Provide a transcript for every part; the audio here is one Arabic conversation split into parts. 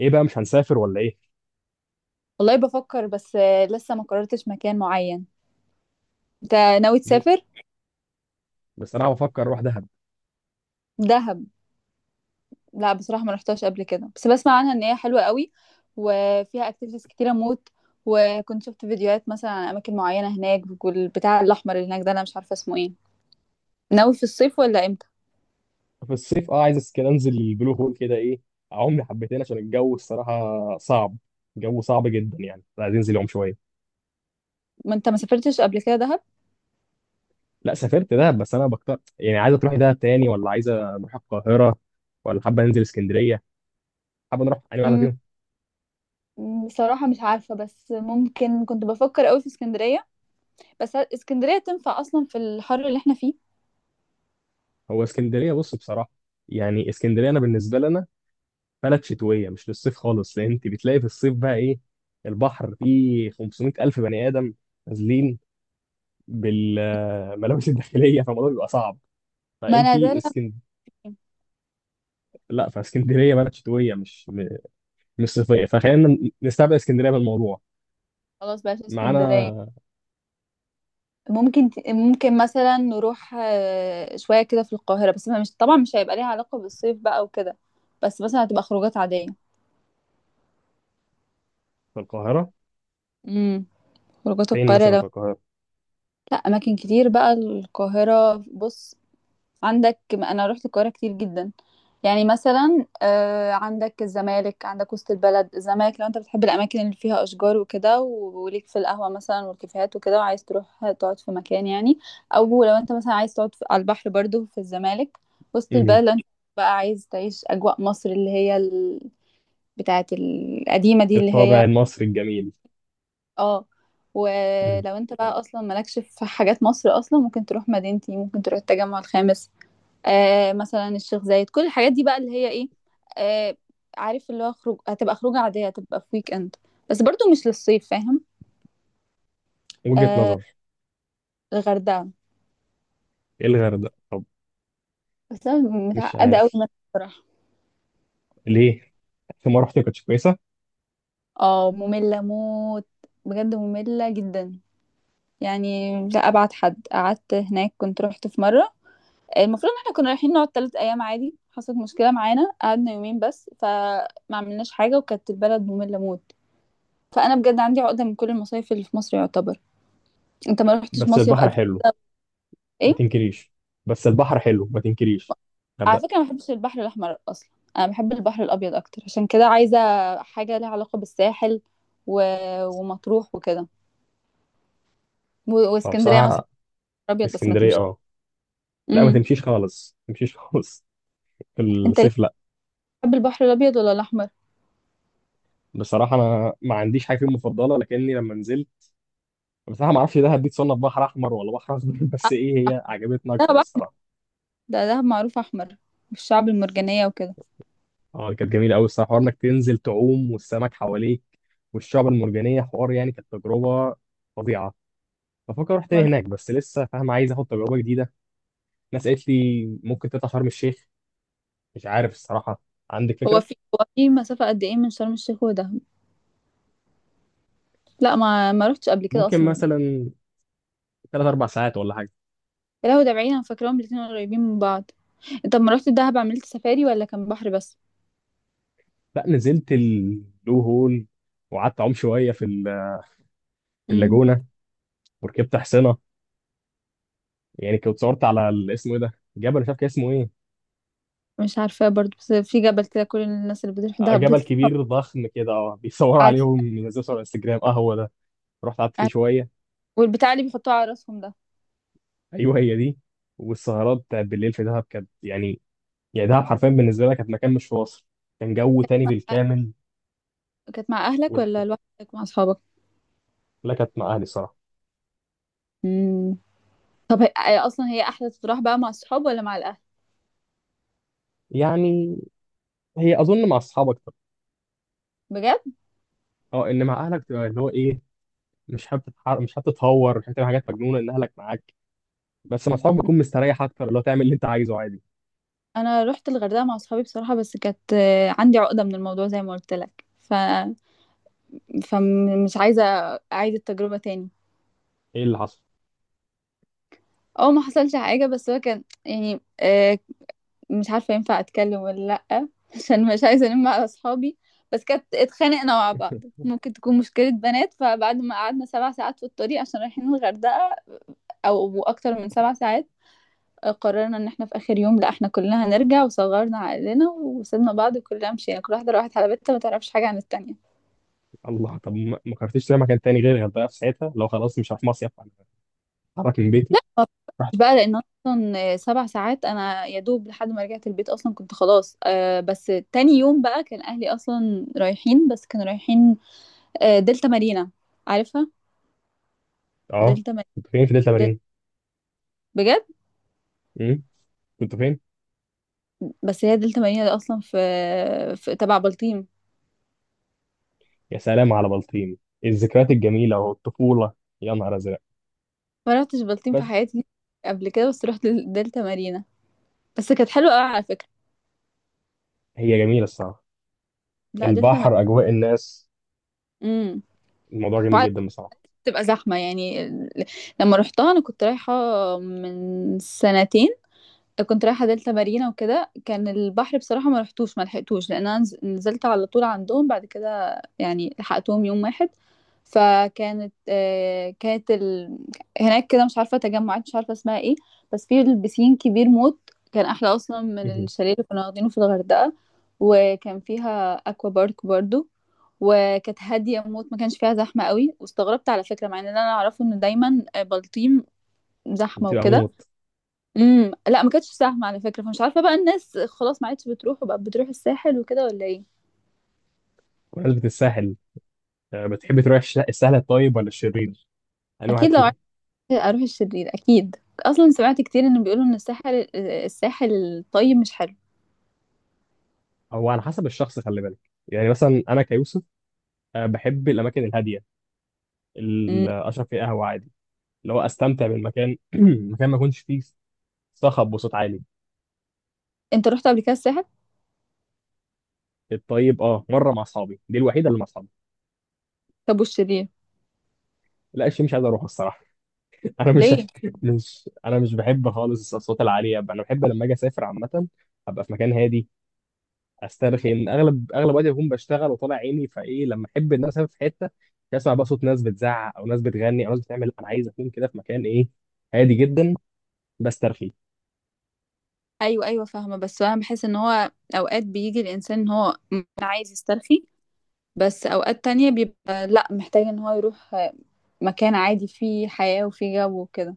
ايه بقى مش هنسافر ولا ايه؟ والله بفكر بس لسه ما قررتش مكان معين. انت ناوي مو- تسافر بس انا بفكر اروح دهب. دهب؟ لا بصراحة ما رحتهاش قبل كده، بس بسمع عنها ان هي حلوة قوي وفيها اكتيفيتيز كتيرة موت. وكنت شفت فيديوهات مثلا عن اماكن معينة هناك، والبتاع الاحمر اللي هناك ده انا مش عارفة اسمه ايه. ناوي في الصيف ولا امتى؟ في الصيف اه عايز كده انزل البلو هول كده ايه. اعوم لي حبتين عشان الجو الصراحه صعب. الجو صعب جدا، يعني عايز انزل يوم شويه. ما انت ما سافرتش قبل كده دهب؟ لا سافرت دهب، بس انا بكتر يعني عايزه تروحي دهب تاني ولا عايزه نروح القاهره؟ ولا حابه ننزل اسكندريه؟ حابه نروح انهي واحده مم، فيهم؟ بصراحة مش عارفة، بس ممكن كنت بفكر قوي في اسكندرية. بس اسكندرية تنفع اصلا في الحر اللي احنا فيه؟ هو اسكندريه بص بصراحه، يعني اسكندريه انا بالنسبه لنا بلد شتويه مش للصيف خالص، لان انت بتلاقي في الصيف بقى ايه؟ البحر فيه 500 الف بني ادم نازلين بالملابس الداخليه، فالموضوع بيبقى صعب. ما فانت انا ده اللي- اسكند أنا- لا، فاسكندريه بلد شتويه مش صيفيه، فخلينا نستبعد اسكندريه من الموضوع خلاص بقى اسكندرية. معانا. ممكن مثلا نروح شوية كده في القاهرة، بس ما مش طبعا مش هيبقى ليها علاقة بالصيف بقى وكده. بس مثلا هتبقى خروجات عادية. في القاهره. امم. خروجات فين القاهرة مثلا لو. في القاهره؟ لا أماكن كتير بقى القاهرة، بص. عندك، انا رحت القاهره كتير جدا. يعني مثلا عندك الزمالك، عندك وسط البلد. الزمالك لو انت بتحب الاماكن اللي فيها اشجار وكده وليك في القهوه مثلا والكافيهات وكده وعايز تروح تقعد في مكان يعني. او لو انت مثلا عايز على البحر برضو في الزمالك. وسط مم. البلد لو انت بقى عايز تعيش اجواء مصر اللي هي بتاعه القديمه دي اللي الطابع هي. المصري الجميل. اه. مم. ولو انت بقى اصلا مالكش في حاجات مصر اصلا، ممكن تروح مدينتي، ممكن تروح التجمع الخامس. مثلا الشيخ زايد، كل الحاجات دي بقى اللي هي ايه. آه. عارف اللي هو خروج، هتبقى خروجة عادية، هتبقى في ويك اند. بس برضو مش للصيف، فاهم. وجهه آه. نظر. الغردقة، ايه الغردقه طب؟ بس انا مش متعقدة قوي عارف. منها بصراحة. ليه؟ في ما رحت ما كانتش كويسه؟ اه، مملة موت. بجد مملة جدا. يعني لا، ابعد حد قعدت هناك كنت رحت في مرة. المفروض ان احنا كنا رايحين نقعد 3 ايام عادي، حصلت مشكلة معانا قعدنا يومين بس، فما عملناش حاجة وكانت البلد مملة موت. فانا بجد عندي عقدة من كل المصايف اللي في مصر يعتبر. انت ما رحتش بس مصيف البحر قبل؟ حلو، ما ايه. تنكريش. بس البحر حلو ما تنكريش. على فكرة غردقة. ما بحبش البحر الأحمر أصلا. أنا بحب البحر الأبيض أكتر، عشان كده عايزة حاجة ليها علاقة بالساحل و... ومطروح وكده هو واسكندرية مثلا. بصراحة أبيض بس ما اسكندرية تمشي. اه. لا ما امم. تمشيش خالص، ما تمشيش خالص. في أنت ليه الصيف لا. بتحب البحر الأبيض ولا الأحمر؟ بصراحة أنا ما عنديش حاجة فيهم مفضلة، لكني لما نزلت بصراحة ما أعرفش ده هديت صنف بحر أحمر ولا بحر أخضر آه، بس إيه هي عجبتنا دهب أكتر أحمر. الصراحة. ده دهب معروف أحمر، والشعب المرجانية وكده. اه كانت جميلة أوي الصراحة، حوار إنك تنزل تعوم والسمك حواليك والشعب المرجانية، حوار يعني كانت تجربة فظيعة. بفكر أروح ما تاني هناك، رحت- بس لسه فاهم عايز آخد تجربة جديدة. ناس قالت لي ممكن تطلع شرم الشيخ، مش عارف الصراحة. عندك هو فكرة؟ في هو في مسافة قد إيه من شرم الشيخ ودهب؟ لا، ما رحتش قبل كده ممكن أصلا. مثلا 3 4 ساعات ولا حاجه. يا لهوي، ده بعيد، أنا فاكراهم الاتنين قريبين من بعض. أنت لما رحت دهب عملت سفاري ولا كان بحر بس؟ لا نزلت البلو هول، وقعدت اعوم شويه في في اللاجونه، وركبت حصنه. يعني كنت صورت على اسمه ايه ده، جبل مش عارف كان اسمه ايه. مش عارفة برضو، بس في جبل كده كل الناس اللي بتروح ده جبل بتتحط. كبير ضخم كده، اه بيصور عارفة. عليهم ينزلوا صور على انستجرام، اه هو ده. رحت قعدت فيه عارفة. شويه. والبتاع اللي بيحطوه على راسهم ده. ايوه هي دي. والسهرات بتاعت بالليل في دهب كانت يعني، يعني دهب حرفيا بالنسبه لي كانت مكان مش في مصر، كان جو تاني بالكامل. كانت مع أهلك والح- ولا لوحدك مع أصحابك؟ لا كانت مع اهلي الصراحه. مم. طب هي أصلا، هي أحلى تروح بقى مع الصحاب ولا مع الأهل؟ يعني هي اظن مع اصحابك. بجد؟ اه ان مع اهلك تبقى اللي هو ايه، مش حابب تتهور، مش حابب تعمل حاجات مجنونه الاهلك معاك. بس مع اصحابك بتكون مستريح اكتر، اللي هو تعمل اللي انت عايزه عادي. أنا رحت الغردقة مع أصحابي بصراحة، بس كانت عندي عقدة من الموضوع زي ما قلت لك فمش عايزة أعيد التجربة تاني. ايه اللي حصل؟ أو ما حصلش حاجة، بس هو كان يعني مش عارفة ينفع أتكلم ولا. لأ عشان مش عايزة ألم على أصحابي. بس كانت اتخانقنا مع بعض. ممكن تكون مشكلة بنات، فبعد ما قعدنا 7 ساعات في الطريق عشان رايحين الغردقة، أو أكتر من 7 ساعات، قررنا إن احنا في آخر يوم لأ، احنا كلنا هنرجع وصغرنا عقلنا وسيبنا بعض وكلنا مشينا، كل واحدة راحت على بيتها ما تعرفش حاجة عن التانية. الله، طب ما ما قررتش تروح مكان تاني غير الغردقه في ساعتها؟ لو خلاص مش هروح مصيف انا، اتحرك من بيتي، رحت. مش بقى، لان اصلا 7 ساعات انا يا دوب لحد ما رجعت البيت اصلا كنت خلاص بس تاني يوم بقى كان اهلي اصلا رايحين، بس كانوا رايحين دلتا مارينا. عارفها. اه دلتا مارينا. كنت فين في دلتا دل... مارين؟ بجد. امم كنت فين؟ بس هي دلتا مارينا دي اصلا في تبع بلطيم. يا سلام على بلطيم، الذكريات الجميله والطفوله، يا نهار ازرق. ما رحتش بلطيم في بس حياتي قبل كده، بس رحت دلتا مارينا. بس كانت حلوه قوي على فكره. هي جميله الصراحه، لا، دلتا مارينا. البحر، اجواء الناس، امم. الموضوع جميل وعلى فكره جدا بصراحه. بتبقى زحمه يعني لما رحتها انا كنت رايحه من سنتين. كنت رايحة دلتا مارينا وكده كان البحر، بصراحة ما رحتوش ما لحقتوش لأن أنا نزلت على طول عندهم، بعد كده يعني لحقتهم يوم واحد. فكانت آه، كانت ال... هناك كده، مش عارفة تجمعات مش عارفة اسمها ايه، بس في البسين كبير موت. كان أحلى أصلا من مهم. الشاليه اللي كنا واخدينه في الغردقة، وكان فيها أكوا بارك برضو. وكانت هادية موت، ما كانش فيها زحمة قوي، واستغربت على فكرة مع ان انا اعرفه ان دايما بلطيم زحمة بتبقى وكده. موت. امم. لا ما كانتش سهمة على فكرة، فمش عارفة بقى الناس خلاص ما عادش بتروح، وبقى بتروح الساحل وكده ولا ايه؟ بمناسبه الساحل، بتحب تروح السهل الطيب ولا الشرير؟ انا واحد اكيد، لو فيهم. عايزة اروح الشرير اكيد. اصلا سمعت كتير ان بيقولوا ان الساحل الطيب مش حلو. هو على حسب الشخص، خلي بالك. يعني مثلا انا كيوسف بحب الاماكن الهاديه، امم. اللي اشرب فيها قهوه عادي، اللي هو استمتع بالمكان مكان ما يكونش فيه صخب وصوت عالي. انت رحت قبل كده الساحل؟ الطيب اه مره مع اصحابي، دي الوحيده اللي مع اصحابي. طب والشرير؟ لا، الشيء مش عايز اروح الصراحه. انا مش، ليه؟ مش انا مش بحب خالص الاصوات العاليه. انا بحب لما اجي اسافر عامه ابقى في مكان هادي، استرخي. اغلب وقتي بكون بشتغل وطالع عيني، فايه لما احب ان انا اسافر في حته مش اسمع بقى صوت ناس بتزعق او ناس بتغني او ناس بتعمل. انا عايز اكون كده في مكان ايه؟ هادي جدا، بسترخي. ايوه ايوه فاهمة، بس انا بحس ان هو اوقات بيجي الانسان ان هو عايز يسترخي، بس اوقات تانية بيبقى لا، محتاج ان هو يروح مكان عادي فيه حياة وفيه جو وكده.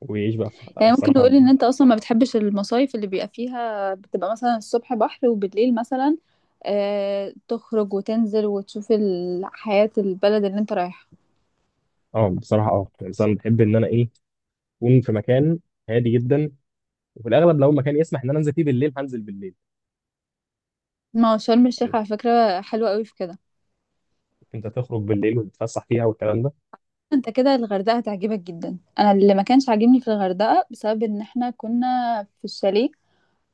لا، يعني ممكن بصراحه نقول ان انت اصلا ما بتحبش المصايف اللي بيبقى فيها بتبقى مثلا الصبح بحر وبالليل مثلا تخرج وتنزل وتشوف حياة البلد اللي انت رايحها. اه بصراحه، اه يعني مثلا بحب ان انا ايه، اكون في مكان هادي جدا. وفي الاغلب لو مكان يسمح ان انا انزل فيه بالليل هنزل بالليل. ما هو شرم الشيخ يعني على فكرة حلوة قوي في كده. انت تخرج بالليل وتتفسح فيها والكلام ده. انت كده الغردقة هتعجبك جدا. انا اللي ما كانش عاجبني في الغردقة بسبب ان احنا كنا في الشاليه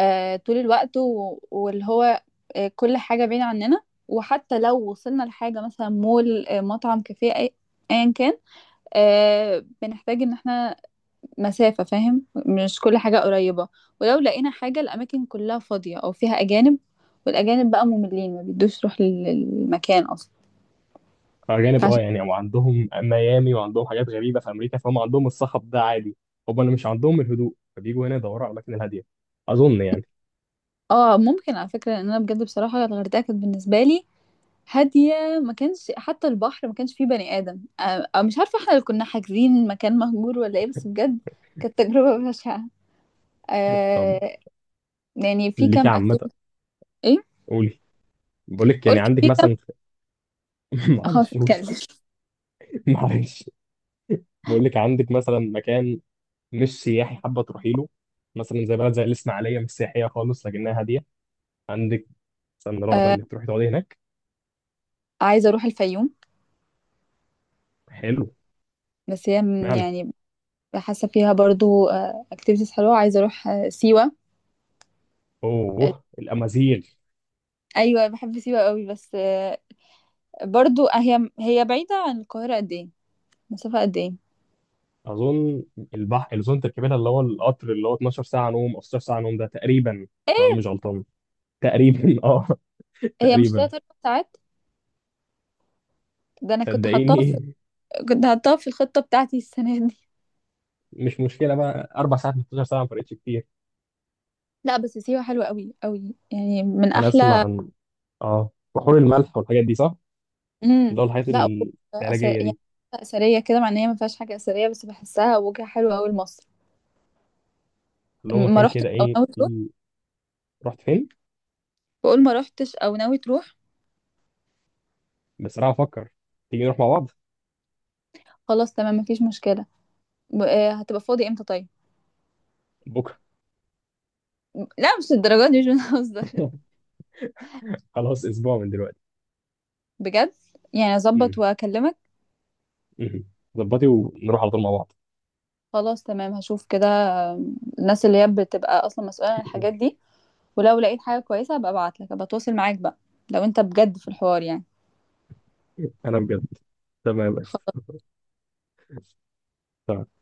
طول الوقت واللي هو كل حاجة بعيدة عننا. وحتى لو وصلنا لحاجة مثلا مول مطعم كافيه ايا كان، بنحتاج ان احنا مسافة، فاهم، مش كل حاجة قريبة. ولو لقينا حاجة، الأماكن كلها فاضية أو فيها أجانب. والأجانب بقى مملين ما بيدوش روح للمكان أصلا. الاجانب اه فعشان. يعني، وعندهم ميامي وعندهم حاجات غريبه في امريكا، فهم عندهم الصخب ده عادي. هم اللي مش عندهم الهدوء فبيجوا هنا يدوروا على الاماكن الهاديه، اظن يعني. اه ممكن على فكرة، لأن أنا بجد بصراحة الغردقة كانت بالنسبة لي هادية. ما كانش حتى البحر ما كانش فيه بني آدم مش عارفة احنا اللي كنا حاجزين مكان مهجور ولا ايه؟ بس بجد كانت تجربة بشعة. طب آه. يعني في ليكي كام عامه. اكتيفيتي؟ ايه. قولي. بقول لك يعني قلت عندك في كام. مثلا. خلاص، معلش قولي. اتكلم. معلش. بقول لك عندك مثلا مكان مش سياحي حابه تروحي له، مثلا زي بلد زي الاسماعيليه مش سياحيه خالص لكنها هاديه. عندك مثلا رغبه آه انك تروحي تقعدي هناك؟ عايزة اروح الفيوم. حلو. بس هي معنى. يعني حاسه فيها برضو اكتيفيتيز حلوه. عايزه اروح سيوه. اوه الامازيغ. ايوه بحب سيوه قوي، بس برضو هي بعيده عن القاهره قد ايه، مسافه قد ايه؟ اظن البحر الاظن تركبينها اللي هو القطر اللي هو 12 ساعه نوم او 16 ساعه نوم ده تقريبا. لو انا ايه. مش غلطان. تقريبا اه، هي مش تقريبا. تلات اربع ساعات؟ ده انا كنت حطاها في، صدقيني. كنت حطاها في الخطه بتاعتي السنه دي. مش مشكله بقى 4 ساعات من 12 ساعه، ما فرقتش كتير. لا بس سيوه حلوه قوي قوي يعني من انا اسمع احلى. عن اه بحور الملح والحاجات دي، صح؟ اللي امم. هو الحاجات لا. العلاجيه يعني دي، اثريه كده، مع ان هي ما فيهاش حاجه اثريه، بس بحسها وجهه حلوه قوي لمصر. اللي هو ما مكان رحتش كده او ايه ناوي تروح؟ في. رحت فين؟ بقول ما رحتش او ناوي تروح. بس انا هفكر. تيجي نروح مع بعض. خلاص تمام، مفيش مشكله. هتبقى فاضي امتى طيب؟ بكره؟ لا مش للدرجه دي، مش بنهزر خلاص، اسبوع من دلوقتي. بجد؟ يعني اظبط مم. واكلمك. مم. ظبطي ونروح على طول مع بعض. خلاص تمام، هشوف كده الناس اللي هي بتبقى اصلا مسؤوله عن الحاجات دي. ولو لقيت حاجه كويسه هبقى ابعت لك، هبقى اتواصل معاك بقى، لو انت بجد في الحوار يعني. انا بجد. تمام يا باشا. تمام